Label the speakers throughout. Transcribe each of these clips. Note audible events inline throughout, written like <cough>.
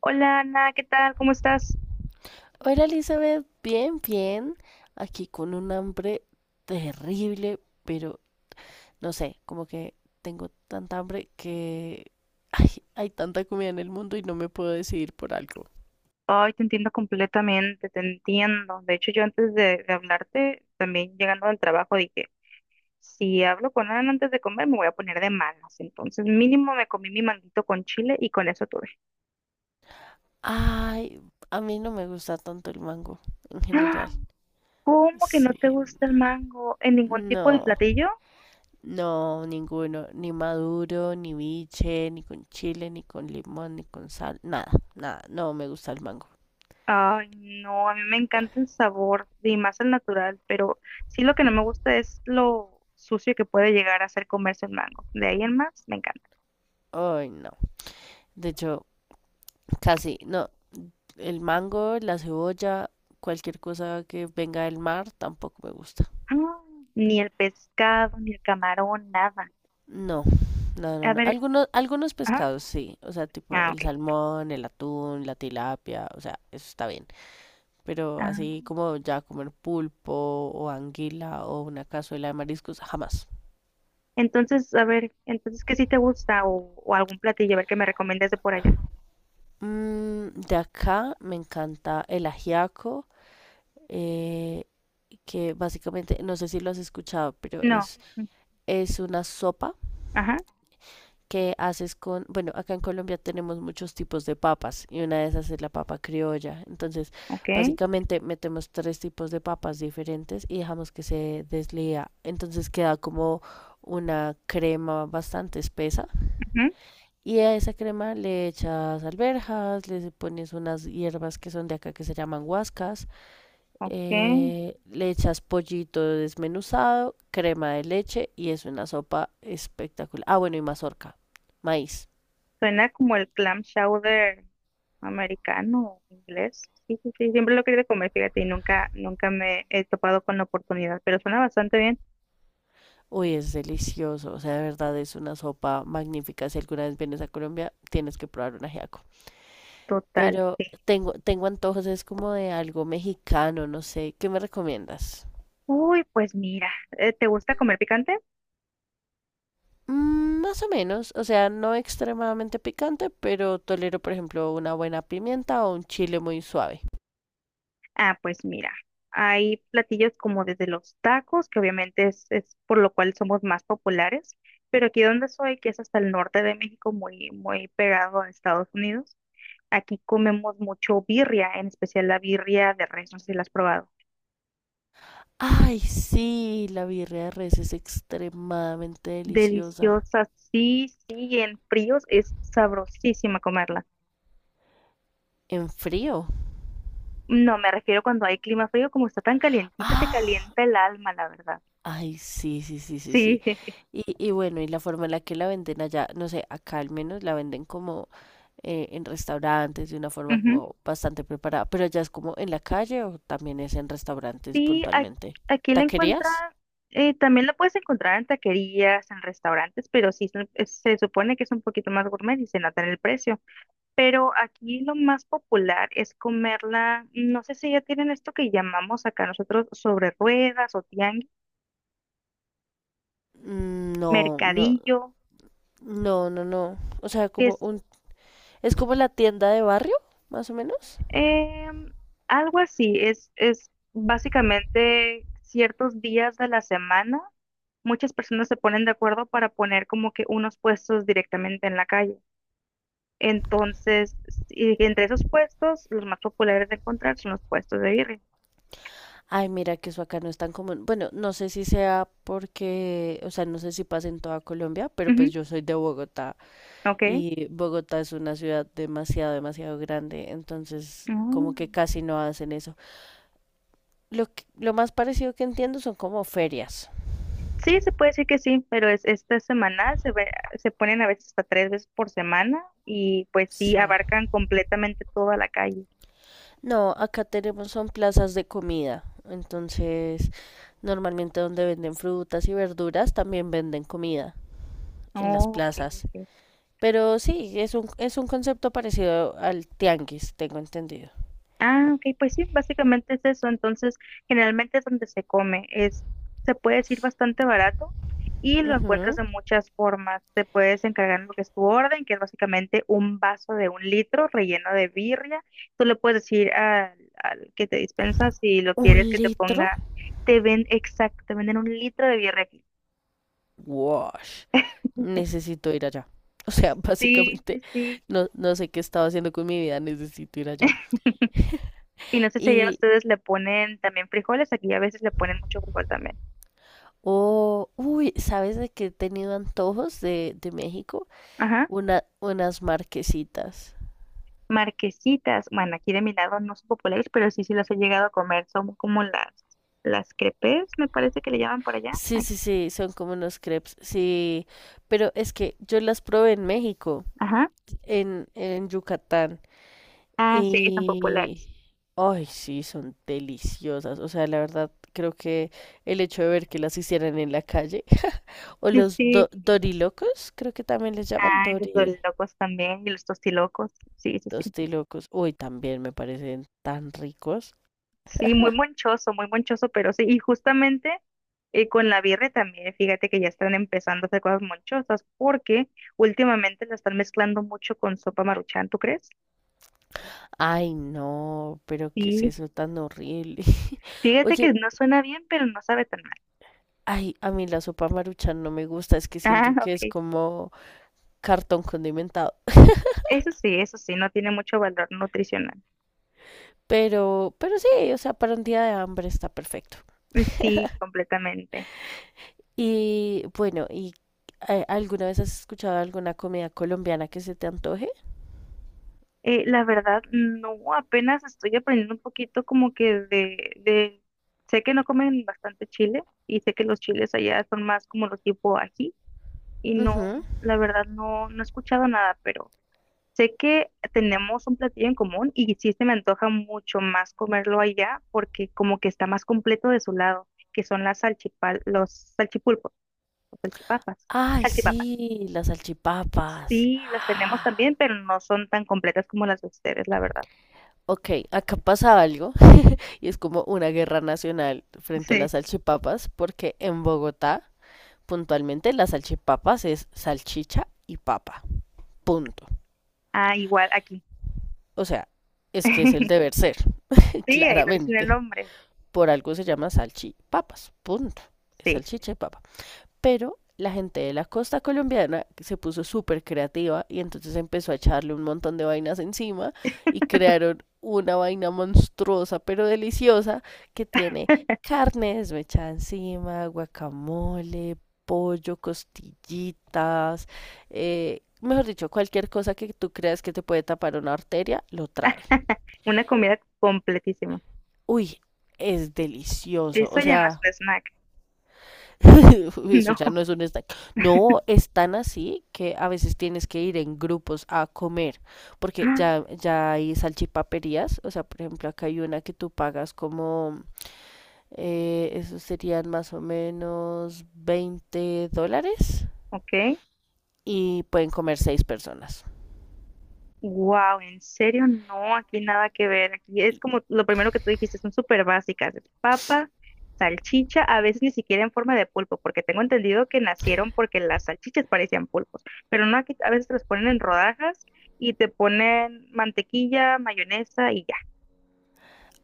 Speaker 1: Hola Ana, ¿qué tal? ¿Cómo estás?
Speaker 2: Hola Elizabeth, bien, bien. Aquí con un hambre terrible, pero no sé, como que tengo tanta hambre que hay tanta comida en el mundo y no me puedo decidir por algo.
Speaker 1: Ay, te entiendo completamente, te entiendo. De hecho, yo antes de hablarte, también llegando del trabajo, dije, si hablo con Ana antes de comer, me voy a poner de malas. Entonces, mínimo me comí mi manguito con chile y con eso tuve.
Speaker 2: Ay, a mí no me gusta tanto el mango en
Speaker 1: <gasps> ¡Ah!
Speaker 2: general.
Speaker 1: ¿Cómo que no
Speaker 2: Sí,
Speaker 1: te gusta el mango en ningún tipo de
Speaker 2: no,
Speaker 1: platillo?
Speaker 2: no, ninguno, ni maduro, ni biche, ni con chile, ni con limón, ni con sal, nada, nada, no me gusta el mango.
Speaker 1: Ay, no, a mí me encanta el sabor y más el natural, pero sí lo que no me gusta es lo sucio que puede llegar a ser comerse el mango. De ahí en más, me encanta.
Speaker 2: Ay, no. De hecho, casi, no, el mango, la cebolla, cualquier cosa que venga del mar tampoco me gusta.
Speaker 1: <gasps> Ah, ni el pescado, ni el camarón, nada.
Speaker 2: No, no, no,
Speaker 1: A
Speaker 2: no.
Speaker 1: ver,
Speaker 2: Algunos
Speaker 1: ajá,
Speaker 2: pescados sí, o sea, tipo
Speaker 1: ah, ok.
Speaker 2: el salmón, el atún, la tilapia, o sea, eso está bien. Pero
Speaker 1: Ah,
Speaker 2: así como ya comer pulpo o anguila o una cazuela de mariscos, jamás.
Speaker 1: entonces, a ver, entonces, ¿qué sí te gusta? O algún platillo, a ver, qué me recomiendas de por allá.
Speaker 2: De acá me encanta el ajiaco, eh, que básicamente, no sé si lo has escuchado, pero
Speaker 1: No.
Speaker 2: es,
Speaker 1: mm,
Speaker 2: es una sopa
Speaker 1: Ajá,
Speaker 2: que haces con, bueno, acá en Colombia tenemos muchos tipos de papas y una de esas es la papa criolla. Entonces,
Speaker 1: ok,
Speaker 2: básicamente metemos tres tipos de papas diferentes y dejamos que se deslía. Entonces queda como una crema bastante espesa.
Speaker 1: ujú,
Speaker 2: Y a esa crema le echas alberjas, le pones unas hierbas que son de acá que se llaman guascas,
Speaker 1: ok.
Speaker 2: le echas pollito desmenuzado, crema de leche y es una sopa espectacular. Ah, bueno, y mazorca, maíz.
Speaker 1: Suena como el clam chowder americano, inglés. Sí, sí, sí, siempre lo he querido comer, fíjate, y nunca, nunca me he topado con la oportunidad, pero suena bastante bien.
Speaker 2: Uy, es delicioso, o sea, de verdad es una sopa magnífica. Si alguna vez vienes a Colombia, tienes que probar un ajiaco.
Speaker 1: Total,
Speaker 2: Pero
Speaker 1: sí.
Speaker 2: tengo antojos, es como de algo mexicano, no sé. ¿Qué me recomiendas?
Speaker 1: Uy, pues mira, ¿te gusta comer picante?
Speaker 2: Más o menos, o sea, no extremadamente picante, pero tolero, por ejemplo, una buena pimienta o un chile muy suave.
Speaker 1: Ah, pues mira, hay platillos como desde los tacos, que obviamente es por lo cual somos más populares, pero aquí donde soy, que es hasta el norte de México, muy, muy pegado a Estados Unidos, aquí comemos mucho birria, en especial la birria de res, no sé si la has probado.
Speaker 2: Ay, sí, la birria de res es extremadamente deliciosa.
Speaker 1: Deliciosa, sí, sí, en fríos es sabrosísima comerla.
Speaker 2: En frío.
Speaker 1: No, me refiero cuando hay clima frío, como está tan calientita, te
Speaker 2: Ah,
Speaker 1: calienta el alma, la verdad.
Speaker 2: ay, sí, sí, sí, sí, sí.
Speaker 1: Sí. <laughs>
Speaker 2: Y bueno, y la forma en la que la venden allá, no sé, acá al menos la venden como en restaurantes de una forma
Speaker 1: Ujú.
Speaker 2: como bastante preparada, pero allá es como en la calle o también es en restaurantes
Speaker 1: Sí,
Speaker 2: puntualmente.
Speaker 1: aquí la encuentra,
Speaker 2: ¿Taquerías?
Speaker 1: también la puedes encontrar en taquerías, en restaurantes, pero sí se supone que es un poquito más gourmet y se nota en el precio. Pero aquí lo más popular es comerla, no sé si ya tienen esto que llamamos acá nosotros sobre ruedas o tianguis,
Speaker 2: Mm, no, no,
Speaker 1: mercadillo,
Speaker 2: no, no, no. O sea,
Speaker 1: que es
Speaker 2: es como la tienda de barrio, más o menos.
Speaker 1: em, algo así, es básicamente ciertos días de la semana. Muchas personas se ponen de acuerdo para poner como que unos puestos directamente en la calle. Entonces, y entre esos puestos, los más populares de encontrar son los puestos de birria.
Speaker 2: Ay, mira que eso acá no es tan común. Bueno, no sé si sea porque, o sea, no sé si pasa en toda Colombia, pero pues
Speaker 1: Ujú,
Speaker 2: yo soy de Bogotá.
Speaker 1: ok.
Speaker 2: Y Bogotá es una ciudad demasiado, demasiado grande, entonces como que
Speaker 1: Mm.
Speaker 2: casi no hacen eso. Lo más parecido que entiendo son como ferias.
Speaker 1: Sí, se puede decir que sí, pero es esta semana se ve- se ponen a veces hasta 3 veces por semana y pues sí
Speaker 2: Sí.
Speaker 1: abarcan completamente toda la calle.
Speaker 2: No, acá tenemos son plazas de comida. Entonces, normalmente donde venden frutas y verduras, también venden comida en las
Speaker 1: Oh, ok,
Speaker 2: plazas.
Speaker 1: ok.
Speaker 2: Pero sí, es un concepto parecido al tianguis, tengo entendido.
Speaker 1: Ah, ok, pues sí, básicamente es eso. Entonces, generalmente es donde se come. Se puede decir bastante barato y lo encuentras
Speaker 2: Ujú.
Speaker 1: de muchas formas. Te puedes encargar lo que es tu orden, que es básicamente un vaso de 1 litro relleno de birria. Tú le puedes decir al que te dispensa si lo
Speaker 2: ¿Un
Speaker 1: quieres que te
Speaker 2: litro?
Speaker 1: ponga, exacto, te venden 1 litro de birria aquí.
Speaker 2: Wash.
Speaker 1: <laughs>
Speaker 2: Necesito ir allá. O sea, <laughs>
Speaker 1: Sí, sí,
Speaker 2: básicamente
Speaker 1: sí.
Speaker 2: no sé qué estaba haciendo con mi vida, necesito ir allá.
Speaker 1: Y no sé si allá
Speaker 2: Y,
Speaker 1: ustedes le ponen también frijoles, aquí a veces le ponen mucho frijol también.
Speaker 2: oh, uy, ¿sabes de qué he tenido antojos de México?
Speaker 1: Ajá.
Speaker 2: Unas marquesitas.
Speaker 1: Marquesitas, bueno, aquí de mi lado no son populares, pero sí, sí las he llegado a comer. Son como las crepes, me parece que le llaman por allá.
Speaker 2: Sí,
Speaker 1: Ay,
Speaker 2: sí, sí, son como unos crepes, sí, pero es que yo las probé en México,
Speaker 1: ajá.
Speaker 2: en Yucatán,
Speaker 1: Ah, sí, son
Speaker 2: y...
Speaker 1: populares.
Speaker 2: Ay, sí, son deliciosas. O sea, la verdad, creo que el hecho de ver que las hicieran en la calle o
Speaker 1: Y
Speaker 2: los
Speaker 1: sí.
Speaker 2: dorilocos, creo que también les llaman
Speaker 1: Ay, los
Speaker 2: dori,
Speaker 1: dorilocos también y los tostilocos. Sí, sí, sí.
Speaker 2: tostilocos. Uy, también me parecen tan ricos.
Speaker 1: Sí, muy monchoso, pero sí. Y justamente con la birre también, fíjate que ya están empezando a hacer cosas monchosas porque últimamente la están mezclando mucho con sopa Maruchan, ¿tú crees?
Speaker 2: Ay, no, pero qué es
Speaker 1: Sí.
Speaker 2: eso tan horrible. <laughs>
Speaker 1: Fíjate
Speaker 2: Oye,
Speaker 1: que no suena bien, pero no sabe tan mal.
Speaker 2: ay, a mí la sopa maruchan no me gusta, es que
Speaker 1: <laughs>
Speaker 2: siento
Speaker 1: Ah,
Speaker 2: que es
Speaker 1: ok.
Speaker 2: como cartón condimentado. <laughs>
Speaker 1: Eso sí, no tiene mucho valor nutricional.
Speaker 2: Pero sí, o sea, para un día de hambre está perfecto.
Speaker 1: Sí, completamente.
Speaker 2: Y bueno, ¿ alguna vez has escuchado alguna comida colombiana que se te antoje?
Speaker 1: La verdad, no, apenas estoy aprendiendo un poquito como que sé que no comen bastante chile y sé que los chiles allá son más como los tipo ají y no,
Speaker 2: Ujú.
Speaker 1: la verdad, no, no he escuchado nada, pero sé que tenemos un platillo en común y sí se me antoja mucho más comerlo allá porque como que está más completo de su lado, que son las salchipal, los salchipulpos, los salchipapas,
Speaker 2: Ay,
Speaker 1: salchipapas.
Speaker 2: sí, las salchipapas. <gasps>
Speaker 1: Sí, las tenemos
Speaker 2: <sighs>
Speaker 1: también, pero no son tan completas como las de ustedes, la verdad.
Speaker 2: Ok, acá pasa algo y es como una guerra nacional frente a
Speaker 1: Sí.
Speaker 2: las salchipapas, porque en Bogotá, puntualmente, las salchipapas es salchicha y papa. Punto.
Speaker 1: Ah, igual aquí.
Speaker 2: O sea, es que es el
Speaker 1: <laughs>
Speaker 2: deber ser, <laughs>
Speaker 1: Sí, ahí lo dicen el
Speaker 2: claramente.
Speaker 1: nombre.
Speaker 2: Por algo se llama salchipapas. Punto. Es
Speaker 1: Sí,
Speaker 2: salchicha y papa. Pero la gente de la costa colombiana se puso súper creativa y entonces empezó a echarle un montón de vainas encima y crearon una vaina monstruosa pero deliciosa que tiene
Speaker 1: <laughs>
Speaker 2: carne desmechada encima, guacamole, pollo, costillitas, mejor dicho, cualquier cosa que tú creas que te puede tapar una arteria, lo trae.
Speaker 1: una comida completísima.
Speaker 2: Uy, es delicioso,
Speaker 1: Eso
Speaker 2: o
Speaker 1: ya no es
Speaker 2: sea,
Speaker 1: un snack,
Speaker 2: <laughs>
Speaker 1: <laughs>
Speaker 2: Eso
Speaker 1: no.
Speaker 2: ya no es un snack. No,
Speaker 1: <gasps>
Speaker 2: es tan así que a veces tienes que ir en grupos a comer, porque ya,
Speaker 1: <laughs>
Speaker 2: ya hay salchipaperías, o sea, por ejemplo, acá hay una que tú pagas como, esos serían más o menos $20
Speaker 1: Ok.
Speaker 2: y pueden comer seis personas.
Speaker 1: Wow, en serio, no, aquí nada que ver. Aquí es como lo primero que tú dijiste, son súper básicas. Es papa, salchicha, a veces ni siquiera en forma de pulpo, porque tengo entendido que nacieron porque las salchichas parecían pulpos, pero no, aquí a veces te las ponen en rodajas y te ponen mantequilla, mayonesa y ya.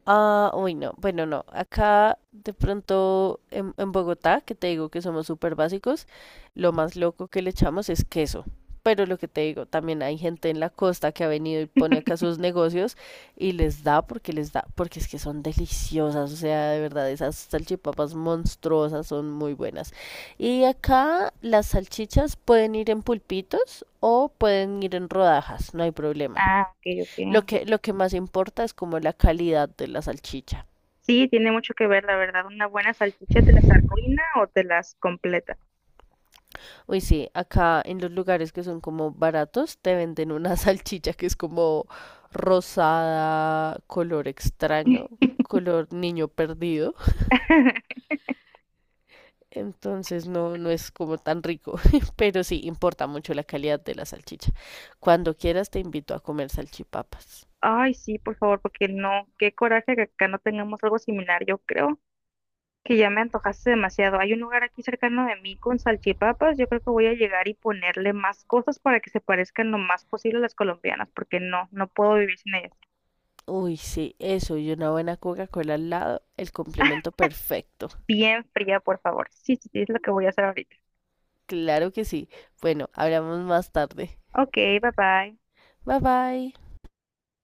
Speaker 2: Ah, uy, no. Bueno, no. Acá, de pronto, en, Bogotá, que te digo que somos súper básicos, lo más loco que le echamos es queso. Pero lo que te digo, también hay gente en la costa que ha venido y pone acá sus negocios y les da, porque es que son deliciosas. O sea, de verdad, esas salchipapas monstruosas son muy buenas. Y acá las salchichas pueden ir en pulpitos o pueden ir en rodajas, no hay problema.
Speaker 1: Ah, ok, ok.
Speaker 2: Lo que más importa es como la calidad de la salchicha.
Speaker 1: Sí, tiene mucho que ver, la verdad. Una buena salchicha te las arruina o te las completa.
Speaker 2: Uy, sí, acá en los lugares que son como baratos te venden una <laughs> salchicha que es como rosada, color extraño, color niño perdido.
Speaker 1: <laughs>
Speaker 2: Entonces no es como tan rico, <laughs> pero sí importa mucho la calidad de la salchicha. Cuando quieras te invito a comer salchipapas.
Speaker 1: Ay, sí, por favor, porque no, qué coraje que acá no tengamos algo similar, yo creo que ya me antojaste demasiado. Hay un lugar aquí cercano de mí con salchipapas. Yo creo que voy a llegar y ponerle más cosas para que se parezcan lo más posible a las colombianas, porque no, no puedo vivir sin ellas.
Speaker 2: Uy, sí, eso y una buena Coca-Cola al lado, el complemento perfecto.
Speaker 1: Bien fría, por favor. Sí, sí, sí, es lo que voy a hacer ahorita.
Speaker 2: Claro que sí. Bueno, hablamos más tarde.
Speaker 1: Ok, bye bye.
Speaker 2: Bye bye.